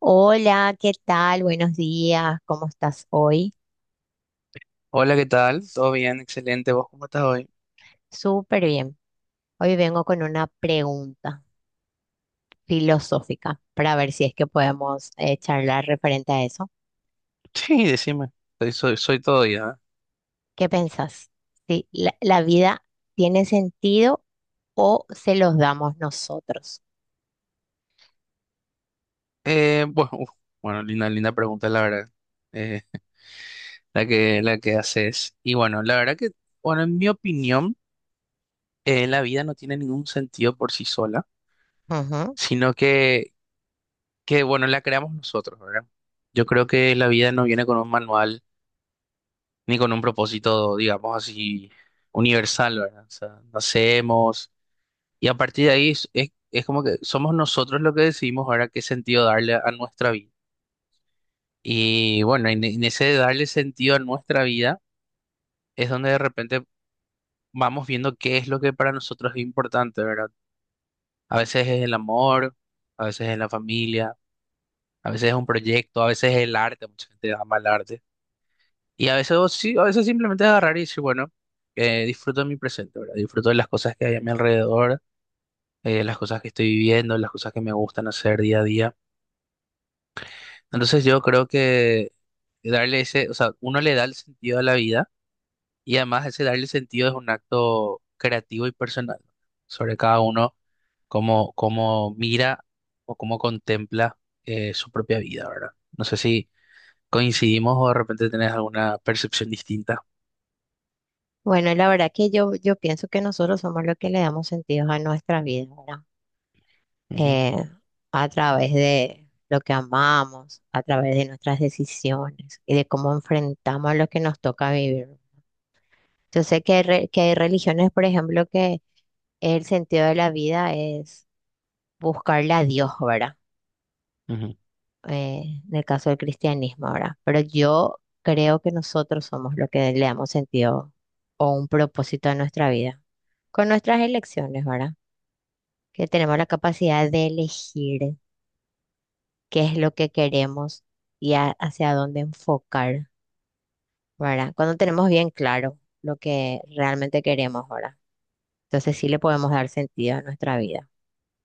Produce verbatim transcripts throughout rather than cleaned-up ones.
Hola, ¿qué tal? Buenos días, ¿cómo estás hoy? Hola, ¿qué tal? ¿Todo bien? Excelente. ¿Vos cómo estás hoy? Súper bien. Hoy vengo con una pregunta filosófica para ver si es que podemos eh, charlar referente a eso. Sí, decime. Soy, soy, soy todo ya. ¿Qué pensás? Si ¿La, la vida tiene sentido o se los damos nosotros? Eh, Eh, bueno, uf, bueno, linda, linda pregunta, la verdad. Eh, la que, la que haces. Y bueno, la verdad que, bueno, en mi opinión, eh, la vida no tiene ningún sentido por sí sola, Ujú. sino que, que, bueno, la creamos nosotros, ¿verdad? Yo creo que la vida no viene con un manual ni con un propósito, digamos así, universal, ¿verdad? O sea, nacemos. Y a partir de ahí es, es- es como que somos nosotros los que decidimos ahora qué sentido darle a nuestra vida. Y bueno, en, en ese de darle sentido a nuestra vida es donde de repente vamos viendo qué es lo que para nosotros es importante, ¿verdad? A veces es el amor, a veces es la familia, a veces es un proyecto, a veces es el arte, mucha gente ama el arte. Y a veces, o sí, a veces simplemente agarrar y decir, bueno, eh, disfruto de mi presente, ¿verdad? Disfruto de las cosas que hay a mi alrededor, eh, las cosas que estoy viviendo, las cosas que me gustan hacer día a día. Entonces yo creo que darle ese, o sea, uno le da el sentido a la vida y además ese darle sentido es un acto creativo y personal, ¿no? Sobre cada uno cómo, cómo mira o cómo contempla eh, su propia vida, ¿verdad? No sé si coincidimos o de repente tenés alguna percepción distinta. Bueno, la verdad que yo, yo pienso que nosotros somos los que le damos sentido a nuestra vida, ¿verdad? eh, a través de lo que amamos, a través de nuestras decisiones y de cómo enfrentamos lo que nos toca vivir. Yo sé que hay, re- que hay religiones, por ejemplo, que el sentido de la vida es buscarle a Dios, ¿verdad? Ujú, ujú, Eh, en el caso del cristianismo, ¿verdad? Pero yo creo que nosotros somos lo que le damos sentido o un propósito a nuestra vida, con nuestras elecciones, ¿verdad? Que tenemos la capacidad de elegir qué es lo que queremos y a- hacia dónde enfocar, ¿verdad? Cuando tenemos bien claro lo que realmente queremos, ¿verdad? Entonces sí le podemos dar sentido a nuestra vida,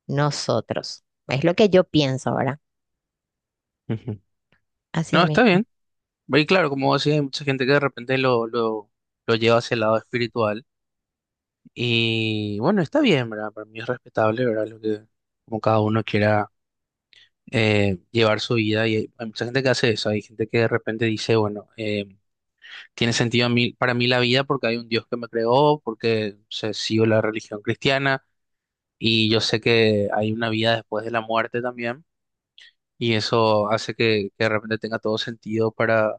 nosotros. Es lo que yo pienso, ¿verdad? ujú. Así No, está mismo, bien. Y claro, como vos decís, hay mucha gente que de repente lo, lo, lo lleva hacia el lado espiritual. Y bueno, está bien, ¿verdad? Para mí es respetable, ¿verdad? Lo que, como cada uno quiera eh, llevar su vida. Y hay, hay mucha gente que hace eso. Hay gente que de repente dice, bueno, eh, tiene sentido a mí, para mí la vida porque hay un Dios que me creó, porque se sigo la religión cristiana y yo sé que hay una vida después de la muerte también. Y eso hace que, que de repente tenga todo sentido para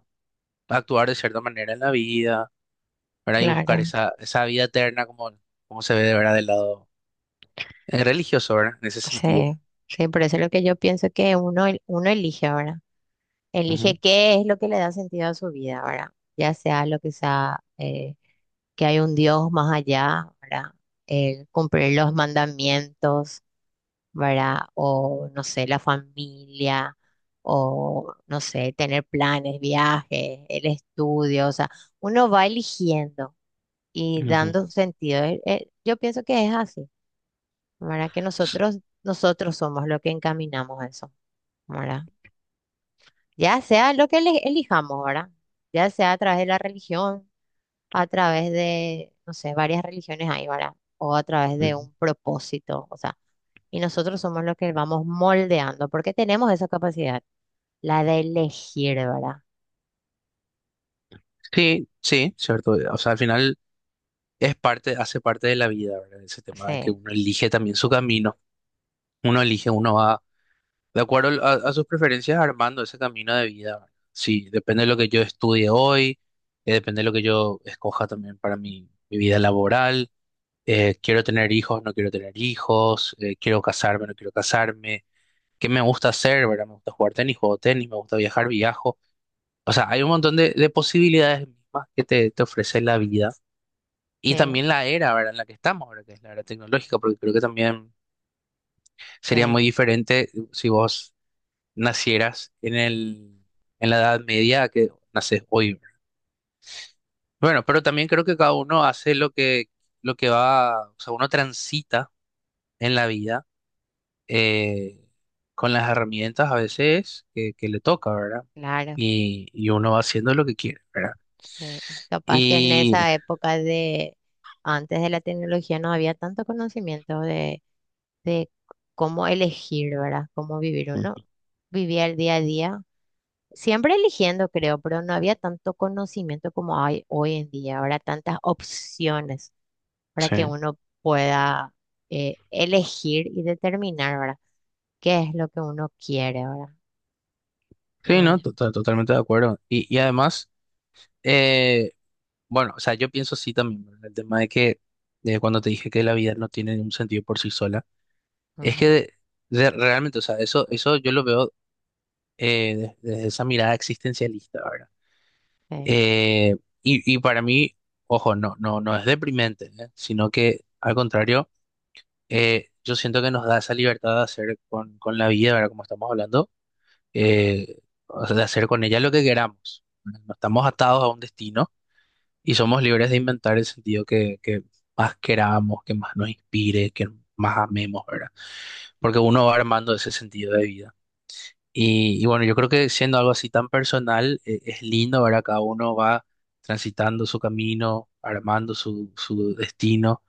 actuar de cierta manera en la vida, ¿verdad? Y buscar claro. esa, esa vida eterna como, como se ve de verdad del lado eh, religioso, ¿verdad? En ese sentido. Sí, sí, por eso es lo que yo pienso que uno, el- uno elige, ahora elige Ujú, qué es lo que le da sentido a su vida, ¿verdad? Ya sea lo que sea, eh, que hay un Dios más allá, ¿verdad? El cumplir los mandamientos, ¿verdad? O, no sé, la familia, o, no sé, tener planes, viajes, el estudio, o sea, uno va eligiendo y ujú, dando un sentido. Eh, eh, yo pienso que es así, ¿verdad? Que nosotros, nosotros somos lo que encaminamos a eso, ¿verdad? Ya sea lo que ele- elijamos, ¿verdad? Ya sea a través de la religión, a través de, no sé, varias religiones hay, ¿verdad? O a través de ujú. un propósito, o sea, y nosotros somos los que vamos moldeando, porque tenemos esa capacidad, la de elegir, ¿verdad? Sí, sí, cierto. O sea, al final es parte, hace parte de la vida, ¿verdad? Ese tema de que Sí, uno elige también su camino. Uno elige, uno va de acuerdo a, a sus preferencias armando ese camino de vida, ¿verdad? Sí, depende de lo que yo estudie hoy, eh, depende de lo que yo escoja también para mi, mi vida laboral. Eh, quiero tener hijos, no quiero tener hijos, eh, quiero casarme, no quiero casarme. ¿Qué me gusta hacer, verdad? Me gusta jugar tenis, juego tenis, me gusta viajar, viajo. O sea, hay un montón de, de posibilidades mismas que te, te ofrece la vida y sí, también la era, ¿verdad?, en la que estamos ahora, que es la era tecnológica, porque creo que también sería muy sí, diferente si vos nacieras en el, en la Edad Media que naces hoy, ¿verdad? Bueno, pero también creo que cada uno hace lo que, lo que va, o sea, uno transita en la vida eh, con las herramientas a veces que, que le toca, ¿verdad? claro, Y, y uno va haciendo lo que quiere, ¿verdad? sí. Capaz que en Y. esa época de antes de la tecnología no había tanto conocimiento de, de cómo elegir, ¿verdad? Cómo vivir uno. Vivía el día a día, siempre eligiendo, creo, pero no había tanto conocimiento como hay hoy en día. Ahora tantas opciones para que Sí, uno pueda eh, elegir y determinar, ¿verdad? ¿Qué es lo que uno quiere, ¿verdad? sí, no, Mm, To- to- totalmente de acuerdo. Y, y además, eh, bueno, o sea, yo pienso sí también, ¿verdad? El tema de que de cuando te dije que la vida no tiene ningún sentido por sí sola, es que ujú, de- de- realmente, o sea, eso, eso yo lo veo eh, de- desde esa mirada existencialista, ¿verdad? sí. Eh, y, y para mí, ojo, no, no, no es deprimente, ¿eh? Sino que al contrario, eh, yo siento que nos da esa libertad de hacer con, con la vida, ¿verdad? Como estamos hablando, eh, o sea, de hacer con ella lo que queramos. No estamos atados a un destino y somos libres de inventar el sentido que, que más queramos, que más nos inspire, que más amemos, ¿verdad? Porque uno va armando ese sentido de vida. Y, y bueno, yo creo que siendo algo así tan personal, eh, es lindo, ¿verdad? Cada uno va transitando su camino, armando su, su destino.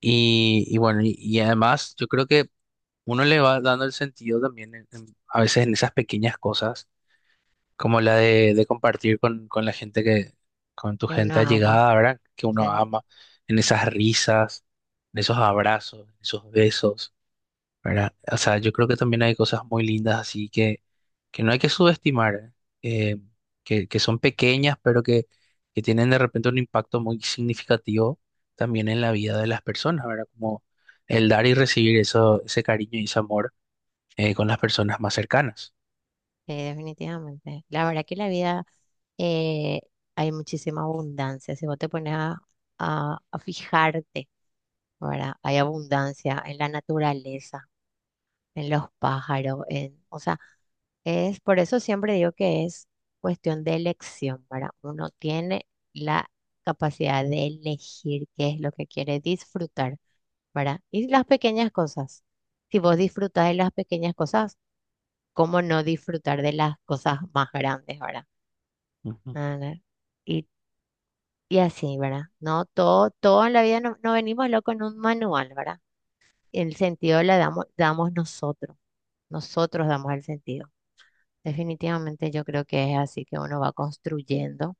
Y, y bueno, y, y además yo creo que uno le va dando el sentido también en- en- a veces en esas pequeñas cosas como la de, de compartir con, con la gente que, con tu Que uno gente ama, allegada, ¿verdad? Que uno sí, ama, en esas risas, en esos abrazos, en esos besos, ¿verdad? O sea, yo creo que también hay cosas muy lindas así que, que no hay que subestimar, eh, Eh, que, que son pequeñas, pero que, que tienen de repente un impacto muy significativo también en la vida de las personas, ¿verdad? Como el dar y recibir eso, ese cariño y ese amor eh, con las personas más cercanas. sí, definitivamente. La verdad que la vida, eh, hay muchísima abundancia. Si vos te pones a, a- a fijarte, ¿verdad? Hay abundancia en la naturaleza, en los pájaros, en, o sea, es, por eso siempre digo que es cuestión de elección, ¿verdad? Uno tiene la capacidad de elegir qué es lo que quiere disfrutar, ¿verdad? Y las pequeñas cosas. Si vos disfrutás de las pequeñas cosas, ¿cómo no disfrutar de las cosas más grandes, ¿verdad? Ujú. Ah, ¿no? Y, y así, ¿verdad? No todo, todo en la vida no, no venimos locos en un manual, ¿verdad? El sentido le damos, damos nosotros. Nosotros damos el sentido. Definitivamente yo creo que es así, que uno va construyendo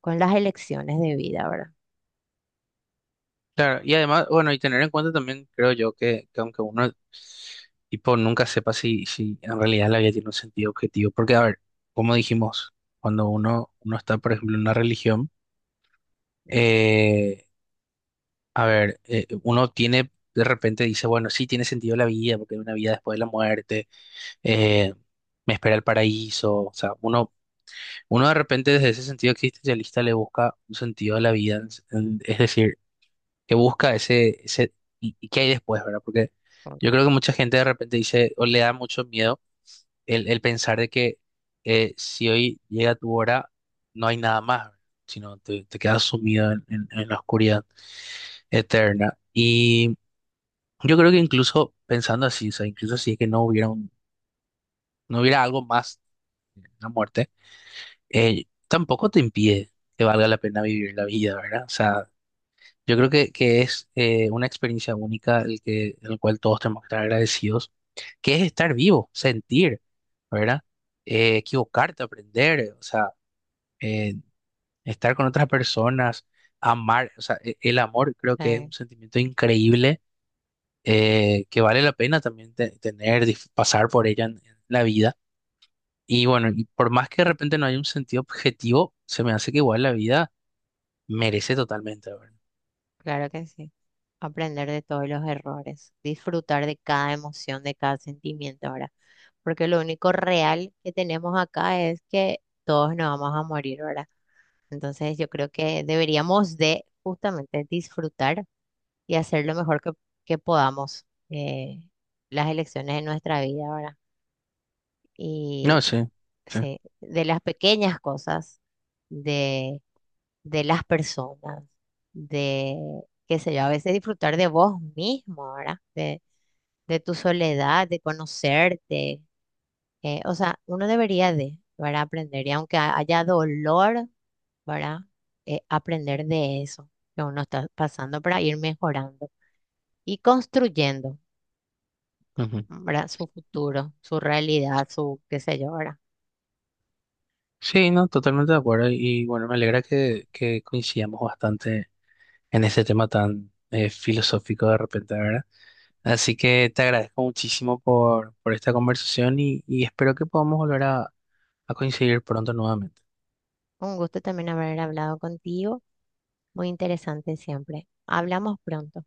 con las elecciones de vida, ¿verdad? Claro, y además, bueno, y tener en cuenta también, creo yo, que, que aunque uno, tipo, nunca sepa si, si en realidad la vida tiene un sentido objetivo, porque, a ver, como dijimos, cuando uno, uno está, por ejemplo, en una religión, eh, a ver, eh, uno tiene, de repente dice, bueno, sí tiene sentido la vida, porque hay una vida después de la muerte, eh, me espera el paraíso, o sea, uno, uno de repente desde ese sentido existencialista le busca un sentido a la vida, es decir, que busca ese, ese y, y qué hay después, ¿verdad? Porque yo Mm, creo que mucha gente de repente dice o le da mucho miedo el, el pensar de que eh, si hoy llega tu hora, no hay nada más, ¿verdad?, sino te, te quedas sumido en, en- en la oscuridad eterna. Y yo creo que incluso pensando así, o sea, incluso si es que no hubiera un- no hubiera algo más, una muerte, eh, tampoco te impide que valga la pena vivir la vida, ¿verdad? O sea, yo creo que, que es eh, una experiencia única el que, el cual todos tenemos que estar agradecidos, que es estar vivo, sentir, ¿verdad? Eh, equivocarte, aprender, o sea, eh, estar con otras personas, amar, o sea, e- el amor creo que es sí, un sentimiento increíble eh, que vale la pena también te- tener, dif- pasar por ella en, en la vida. Y bueno, y por más que de repente no haya un sentido objetivo, se me hace que igual la vida merece totalmente, ¿verdad? claro que sí. Aprender de todos los errores, disfrutar de cada emoción, de cada sentimiento, ahora. Porque lo único real que tenemos acá es que todos nos vamos a morir, ¿verdad? Entonces yo creo que deberíamos de justamente disfrutar y hacer lo mejor que, que podamos eh, las elecciones de nuestra vida, ¿verdad? Y No, sí, sí. sí, de las pequeñas cosas, de, de las personas, de, qué sé yo, a veces disfrutar de vos mismo, ¿verdad? De, de tu soledad, de conocerte. Eh, o sea, uno debería de, ¿verdad? Aprender, y aunque ha- haya dolor, ¿verdad? Eh, aprender de eso que uno está pasando para ir mejorando y construyendo, Ujú. ¿verdad? Su futuro, su realidad, su, qué sé yo, ¿verdad? Sí, no, totalmente de acuerdo. Y bueno, me alegra que, que coincidamos bastante en ese tema tan eh, filosófico de repente, ¿verdad? Así que te agradezco muchísimo por, por esta conversación y, y espero que podamos volver a, a coincidir pronto nuevamente. Un gusto también haber hablado contigo. Muy interesante siempre. Hablamos pronto.